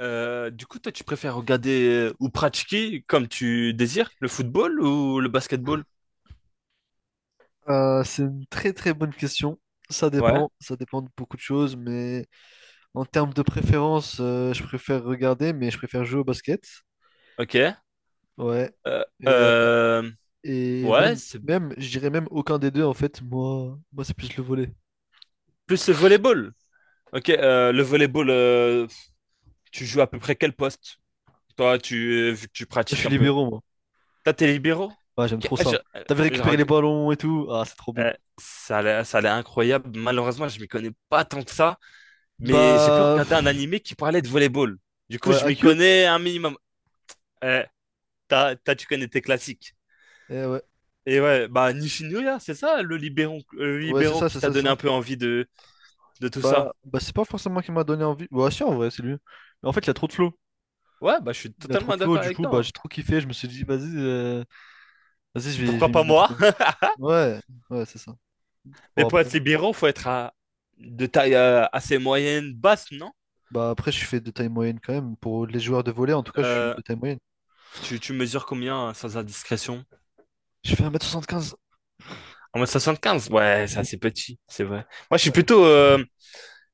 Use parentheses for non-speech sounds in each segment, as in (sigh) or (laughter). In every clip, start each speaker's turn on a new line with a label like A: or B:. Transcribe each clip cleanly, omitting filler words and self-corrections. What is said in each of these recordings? A: Du coup, toi, tu préfères regarder ou pratiquer comme tu désires le football ou le basketball?
B: C'est une très très bonne question.
A: Ouais,
B: Ça dépend de beaucoup de choses, mais en termes de préférence, je préfère regarder, mais je préfère jouer au basket.
A: ok.
B: Ouais.
A: Euh,
B: Et, euh,
A: euh,
B: et
A: ouais,
B: même, même, je dirais même aucun des deux en fait. Moi, c'est plus le volley. Moi,
A: plus le volleyball. Ok, le volleyball, tu joues à peu près quel poste? Toi, vu que tu
B: je
A: pratiques
B: suis
A: un peu.
B: libéraux, moi.
A: T'as tes libéraux?
B: Ouais, j'aime
A: Ok,
B: trop
A: ah,
B: ça. T'avais
A: je
B: récupéré les
A: reg-
B: ballons et tout. Ah, c'est trop bien.
A: euh, ça a l'air incroyable. Malheureusement, je m'y connais pas tant que ça, mais j'ai pu
B: Bah,
A: regarder un
B: pff,
A: animé qui parlait de volleyball. Du coup,
B: ouais,
A: je m'y
B: AQ.
A: connais un minimum. Euh, Tu connais tes classiques.
B: Eh ouais,
A: Et ouais, bah Nishinuya, c'est ça le libéraux,
B: ouais,
A: qui t'a
B: c'est
A: donné
B: ça.
A: un peu envie de tout ça.
B: Bah c'est pas forcément qui m'a donné envie. Bah si, en vrai, c'est lui. Mais en fait, il a trop de flow.
A: Ouais, bah je suis
B: Il a trop
A: totalement
B: de flow,
A: d'accord
B: du
A: avec
B: coup,
A: toi,
B: bah,
A: hein.
B: j'ai trop kiffé. Je me suis dit, vas-y, je vais, je
A: Pourquoi
B: vais m'y
A: pas
B: mettre et
A: moi?
B: tout. Ouais, ouais, c'est ça.
A: (laughs) Mais
B: Bon,
A: pour
B: après,
A: être libéraux, faut être de taille assez moyenne, basse, non?
B: bah, après, je fais de taille moyenne quand même. Pour les joueurs de volley, en tout cas, je suis
A: Euh,
B: de taille moyenne.
A: tu mesures combien, sans indiscrétion?
B: Je fais 1 m 75.
A: 1 soixante quinze. Ouais, c'est assez petit, c'est vrai. Moi, je suis
B: Ouais,
A: plutôt, euh,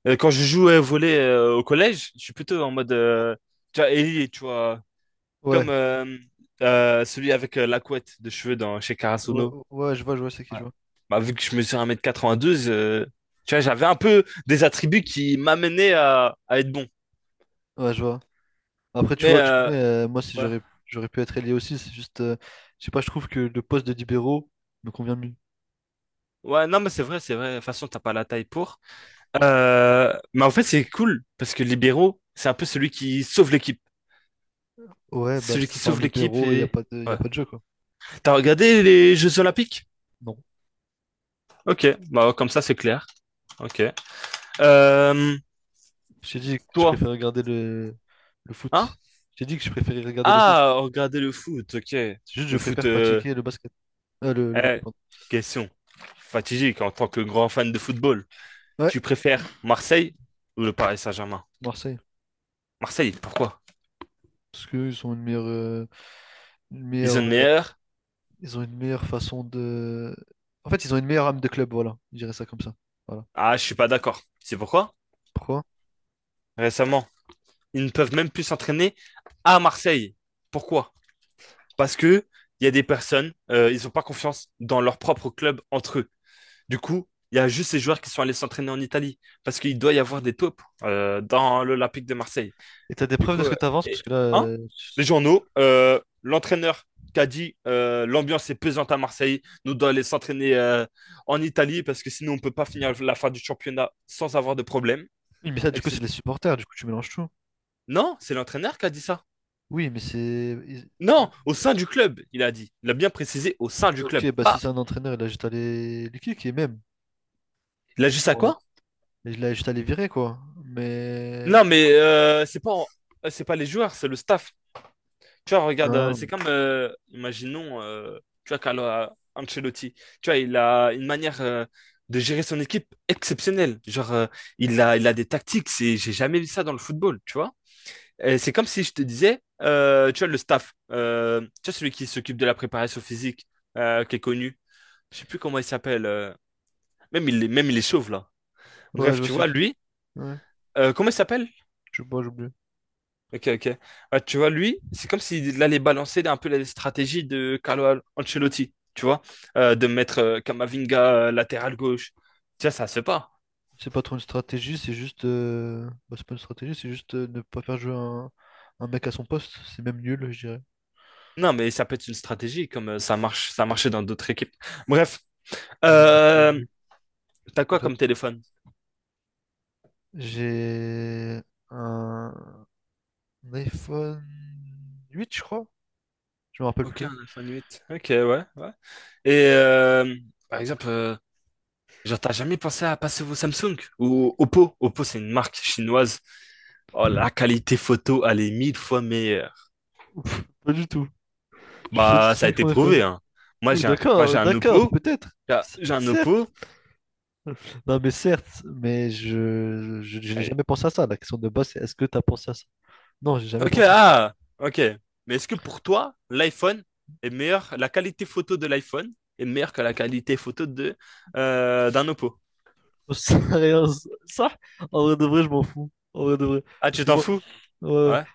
A: euh, quand je joue au volley, au collège, je suis plutôt en mode, tu vois, Ellie, tu vois,
B: ouais,
A: comme celui avec la couette de cheveux chez
B: ouais,
A: Karasuno.
B: ouais, je vois, c'est qui, je
A: Ouais.
B: vois.
A: Bah, vu que je mesure 1m92, tu vois, j'avais un peu des attributs qui m'amenaient à être bon.
B: Ouais, je vois. Après, tu
A: Mais
B: vois, tu connais, moi, si
A: ouais.
B: j'aurais, j'aurais pu être ailier aussi, c'est juste, je sais pas, je trouve que le poste de libéraux me convient mieux.
A: Ouais, non, mais c'est vrai, c'est vrai. De toute façon, t'as pas la taille pour. Mais en fait, c'est cool parce que libéraux, c'est un peu celui qui sauve l'équipe.
B: Ouais, bah,
A: Celui qui
B: sans
A: sauve l'équipe
B: libéraux, il n'y a
A: et.
B: pas de, y a
A: Ouais.
B: pas de jeu, quoi.
A: T'as regardé les Jeux Olympiques?
B: Non.
A: Ok, bah, comme ça, c'est clair. Ok. Euh,
B: J'ai dit que je
A: Toi,
B: préfère regarder le
A: hein?
B: foot. J'ai dit que je préférais regarder le.
A: Ah, regardez le foot, ok.
B: C'est juste, je
A: Le foot.
B: préfère pratiquer le basket, le volley,
A: Eh,
B: pardon.
A: question fatidique en tant que grand fan de football.
B: Ouais,
A: Tu préfères Marseille ou le Paris Saint-Germain?
B: Marseille,
A: Marseille, pourquoi?
B: parce qu'ils ont une meilleure, une
A: Ils ont
B: meilleure,
A: le
B: euh,
A: meilleur?
B: ils ont une meilleure façon de. En fait, ils ont une meilleure âme de club, voilà. Je dirais ça comme ça. Voilà.
A: Ah, je suis pas d'accord. C'est pourquoi?
B: Pourquoi?
A: Récemment, ils ne peuvent même plus s'entraîner à Marseille. Pourquoi? Parce que il y a des personnes, ils n'ont pas confiance dans leur propre club entre eux. Du coup, il y a juste ces joueurs qui sont allés s'entraîner en Italie parce qu'il doit y avoir des taupes dans l'Olympique de Marseille.
B: Et t'as des
A: Du
B: preuves de
A: coup,
B: ce que t'avances, parce
A: et-
B: que là,
A: hein? Les journaux, l'entraîneur qui a dit, l'ambiance est pesante à Marseille, nous devons aller s'entraîner en Italie parce que sinon on ne peut pas finir la fin du championnat sans avoir de problème,
B: oui, mais ça, du coup, c'est
A: etc.
B: les supporters. Du coup, tu mélanges tout.
A: Non, c'est l'entraîneur qui a dit ça.
B: Oui, mais c'est. Ils-.
A: Non, au sein du club, il a dit. Il a bien précisé au sein du club.
B: Ok, bah si
A: Pas.
B: c'est un entraîneur, il a juste à les kick et même.
A: Il a juste à
B: Bon,
A: quoi?
B: il a juste à les virer, quoi. Mais.
A: Non, mais c'est pas les joueurs, c'est le staff. Tu vois, regarde, c'est
B: Non.
A: comme, imaginons, tu vois, Carlo Ancelotti, tu vois, il a une manière de gérer son équipe exceptionnelle. Genre, il a des tactiques, c'est, j'ai jamais vu ça dans le football, tu vois. Et c'est comme si je te disais, tu vois, le staff, tu vois, celui qui s'occupe de la préparation physique, qui est connu, je sais plus comment il s'appelle, même il est chauve, là.
B: Ouais, je
A: Bref,
B: vois
A: tu
B: ce
A: vois,
B: que.
A: lui,
B: Ouais.
A: comment il s'appelle?
B: Je sais pas, j'oublie.
A: Ok, ok. Ouais, tu vois, lui, c'est comme s'il allait balancer un peu la stratégie de Carlo Ancelotti, tu vois, de mettre Camavinga latéral gauche. Tu vois, ça se fait pas.
B: C'est pas trop une stratégie, c'est juste. C'est pas une stratégie, c'est juste ne pas faire jouer un mec à son poste. C'est même nul, je dirais.
A: Non, mais ça peut être une stratégie, comme ça marchait dans d'autres équipes. Bref,
B: Ouais, mais c'est
A: euh,
B: nul,
A: t'as
B: en
A: quoi
B: fait.
A: comme téléphone?
B: J'ai un iPhone 8, je crois. Je me rappelle
A: Ok,
B: plus.
A: un iPhone 8. Ok, ouais, ouais. Et par exemple, genre, t'as jamais pensé à passer vos Samsung ou Oppo? Oppo, c'est une marque chinoise. Oh, la qualité photo, elle est mille fois meilleure.
B: Ouf, pas du tout. Je suis
A: Bah,
B: satisfait
A: ça a
B: avec
A: été
B: mon iPhone.
A: prouvé, hein.
B: Oui,
A: Moi, j'ai
B: d'accord,
A: un
B: d'accord,
A: oppo.
B: peut-être. C-
A: J'ai un
B: Certes.
A: oppo.
B: (laughs) Non, mais certes, mais je n'ai
A: Allez.
B: jamais pensé à ça. La question de base, c'est est-ce que tu as pensé à ça? Non, j'ai jamais
A: Ok,
B: pensé.
A: ah, ok. Mais est-ce que pour toi, l'iPhone est meilleur, la qualité photo de l'iPhone est meilleure que la qualité photo d'un oppo?
B: (laughs) Rien ça, en vrai de vrai, je m'en fous. En vrai de vrai.
A: Ah,
B: Parce
A: tu
B: que
A: t'en
B: moi,
A: fous?
B: ouais,
A: Ouais.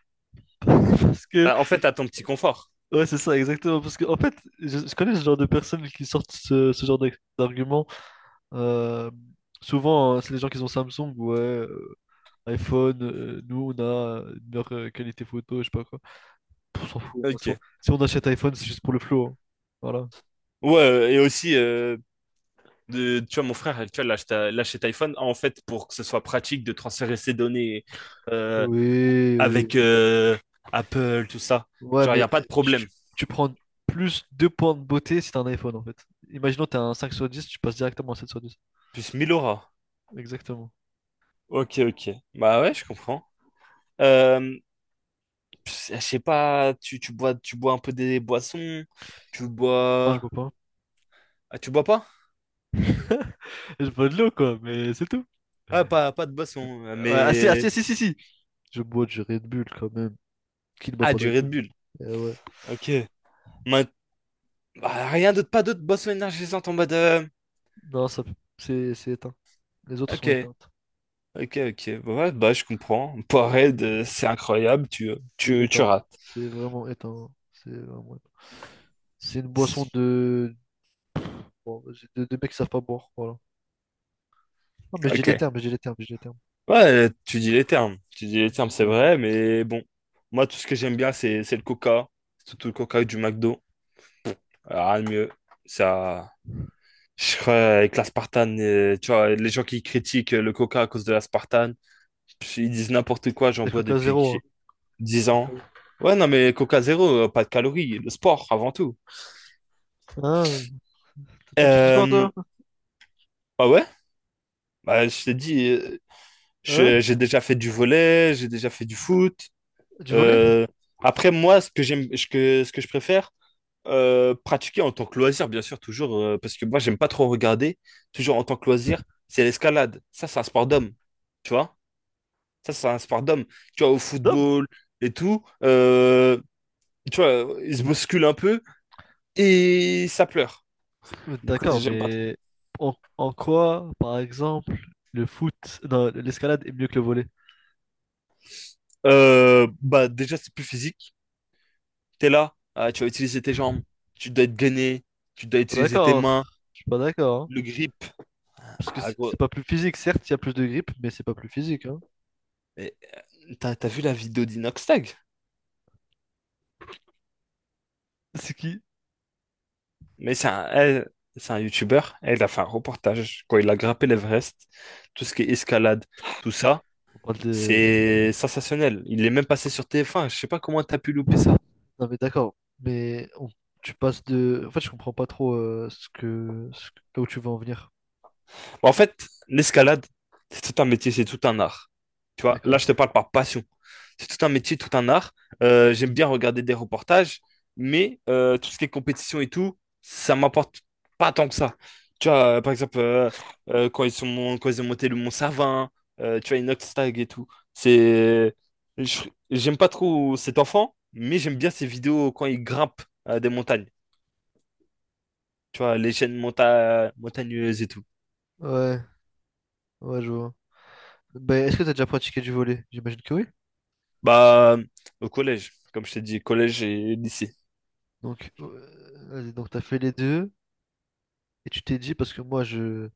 B: (laughs) parce que,
A: En fait, t'as ton petit confort.
B: ouais, c'est ça, exactement. Parce que, en fait, je connais ce genre de personnes qui sortent ce genre d'arguments. Euh, Souvent, hein, c'est les gens qui ont Samsung, ouais, iPhone, nous, on a une meilleure qualité photo, je sais pas quoi. On s'en fout. Hein.
A: Ok.
B: Si on achète iPhone, c'est juste pour le flow. Hein. Voilà.
A: Ouais, et aussi, tu vois, mon frère, tu vois, il acheté iPhone, en fait, pour que ce soit pratique de transférer ses données euh,
B: Oui, oui.
A: avec Apple, tout ça.
B: Ouais,
A: Genre, il n'y
B: mais
A: a pas de problème.
B: tu prends plus 2 points de beauté si t'as un iPhone en fait. Imaginons t'as un 5 sur 10 tu passes directement à 7 sur dix.
A: Plus Milora.
B: Exactement.
A: Ok, ok. Bah ouais, je comprends. Euh, Pff, je sais pas, tu bois un peu des boissons, tu
B: Non, je
A: bois...
B: bois pas.
A: Ah, tu bois pas?
B: Je bois de l'eau quoi, mais c'est tout.
A: Ah, pas de boisson,
B: Ouais, ah, si, ah,
A: mais...
B: si. Je bois du Red Bull quand même. Qui ne boit
A: Ah,
B: pas de
A: du
B: Red
A: Red
B: Bull?
A: Bull.
B: Eh ouais.
A: Ok. Ma- Bah, rien d'autre, pas d'autres boissons énergisantes en mode...
B: Non, ça, c'est éteint. Les autres
A: Ok,
B: sont éteintes.
A: ok, ok. Bah ouais, bah je comprends. Powerade, c'est incroyable,
B: C'est
A: tu
B: éteint.
A: rates.
B: C'est vraiment éteint. C'est vraiment éteint. C'est une boisson de... Bon, vas-y, de mecs qui savent pas boire, voilà. Non, mais
A: Ok.
B: j'ai des termes.
A: Ouais, tu dis les termes. Tu dis les termes, c'est
B: J'ai des
A: vrai,
B: termes.
A: mais bon. Moi, tout ce que j'aime bien, c'est le coca. Surtout le coca du McDo. Rien de mieux. Ça, je crois, avec la Spartan, tu vois, les gens qui critiquent le coca à cause de la Spartan, ils disent n'importe quoi, j'en
B: C'est
A: bois
B: Coca
A: depuis que
B: Zéro,
A: j'ai 10 ans.
B: hein.
A: Ouais, non, mais coca zéro, pas de calories, le sport avant tout.
B: Ah, toi tu fais du sport
A: Euh,
B: toi?
A: Bah ouais, bah, je t'ai dit,
B: Ah ouais?
A: j'ai déjà fait du volley, j'ai déjà fait du foot.
B: Du volley?
A: Euh, Après, moi, ce que je préfère, pratiquer en tant que loisir, bien sûr, toujours, parce que moi, j'aime pas trop regarder, toujours en tant que loisir, c'est l'escalade. Ça, c'est un sport d'homme, tu vois? Ça, c'est un sport d'homme. Tu vois, au
B: Non.
A: football et tout, tu vois, ils se bousculent un peu et ça pleure.
B: Mais
A: Du coup,
B: d'accord,
A: j'aime pas trop.
B: mais en quoi, par exemple, le foot, non, l'escalade est mieux que le volley?
A: Bah, déjà, c'est plus physique. T'es là, ah, tu vas utiliser tes jambes, tu dois être gainé, tu dois
B: Je suis pas
A: utiliser tes
B: d'accord.
A: mains,
B: Je suis pas d'accord. Hein.
A: le grip.
B: Parce que
A: Ah, gros.
B: c'est pas plus physique, certes, il y a plus de grip, mais c'est pas plus physique, hein.
A: Et t'as vu la vidéo d'Inox?
B: (laughs) C'est qui?
A: Mais elle, c'est un youtubeur. Elle a fait un reportage quand il a grimpé l'Everest. Tout ce qui est escalade, tout ça,
B: On parle de...
A: c'est sensationnel. Il est même passé sur TF1. Je sais pas comment t'as pu louper ça.
B: Non mais d'accord, mais on- tu passes de... En fait, je comprends pas trop ce que- là où tu veux en venir.
A: En fait, l'escalade, c'est tout un métier, c'est tout un art. Tu vois, là,
B: D'accord.
A: je te parle par passion. C'est tout un métier, tout un art. J'aime bien regarder des reportages, mais tout ce qui est compétition et tout, ça m'apporte pas tant que ça. Tu vois, par exemple, quand ils ont monté le Mont Savin, tu vois, Inoxtag et tout. C'est, je- J'aime pas trop cet enfant, mais j'aime bien ses vidéos quand il grimpe des montagnes. Tu vois, les chaînes montagneuses et tout.
B: Ouais, ouais, je vois. Ben, est-ce que t'as déjà pratiqué du volley? J'imagine que oui.
A: Bah, au collège, comme je t'ai dit, collège et lycée.
B: Donc, vas-y, donc t'as fait les deux et tu t'es dit parce que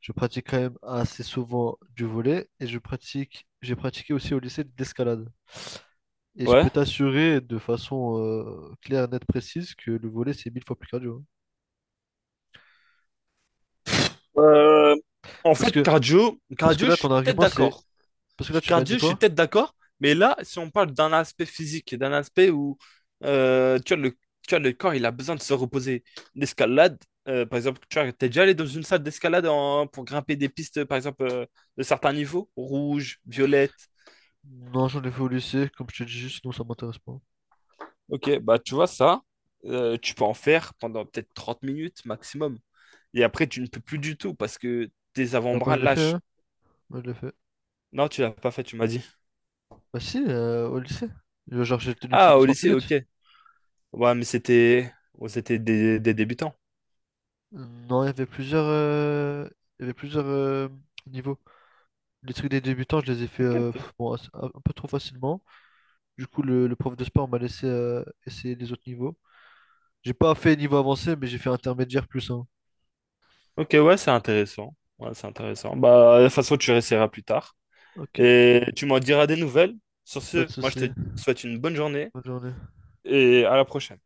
B: je pratique quand même assez souvent du volet et je pratique j'ai pratiqué aussi au lycée de l'escalade. Et je peux
A: Ouais.
B: t'assurer de façon claire, nette, précise que le volet c'est mille fois plus cardio. Hein.
A: Euh, En
B: Parce
A: fait,
B: que parce que
A: cardio,
B: là
A: je
B: ton
A: suis peut-être
B: argument c'est
A: d'accord.
B: parce que là tu m'as dit
A: Cardio, je suis
B: quoi?
A: peut-être d'accord. Mais là, si on parle d'un aspect physique, d'un aspect où tu vois, tu vois, le corps, il a besoin de se reposer. L'escalade, par exemple, tu vois, t'es déjà allé dans une salle d'escalade pour grimper des pistes, par exemple, de certains niveaux, rouge, violette.
B: Non, j'en ai fait au lycée, comme je te dis, sinon ça m'intéresse pas.
A: Ok, bah tu vois ça, tu peux en faire pendant peut-être 30 minutes maximum. Et après, tu ne peux plus du tout parce que tes
B: Ah, moi
A: avant-bras
B: je l'ai fait,
A: lâchent.
B: hein? Moi je l'ai fait.
A: Non, tu l'as pas fait, tu m'as dit.
B: Bah si, au lycée. Genre j'ai tenu plus
A: Ah,
B: de
A: au
B: 30
A: lycée,
B: minutes.
A: ok. Ouais, mais c'était des débutants.
B: Non, il y avait plusieurs il y avait plusieurs euh, niveaux. Les trucs des débutants, je les ai fait
A: Ok, ok.
B: bon, un peu trop facilement. Du coup, le prof de sport m'a laissé essayer les autres niveaux. J'ai pas fait niveau avancé, mais j'ai fait intermédiaire plus un.
A: Ok, ouais, c'est intéressant. Ouais, c'est intéressant. Bah, de toute façon, tu réessayeras plus tard.
B: Ok,
A: Et tu m'en diras des nouvelles. Sur
B: pas
A: ce,
B: de
A: moi, je te
B: souci.
A: souhaite une bonne journée
B: Bonne journée.
A: et à la prochaine.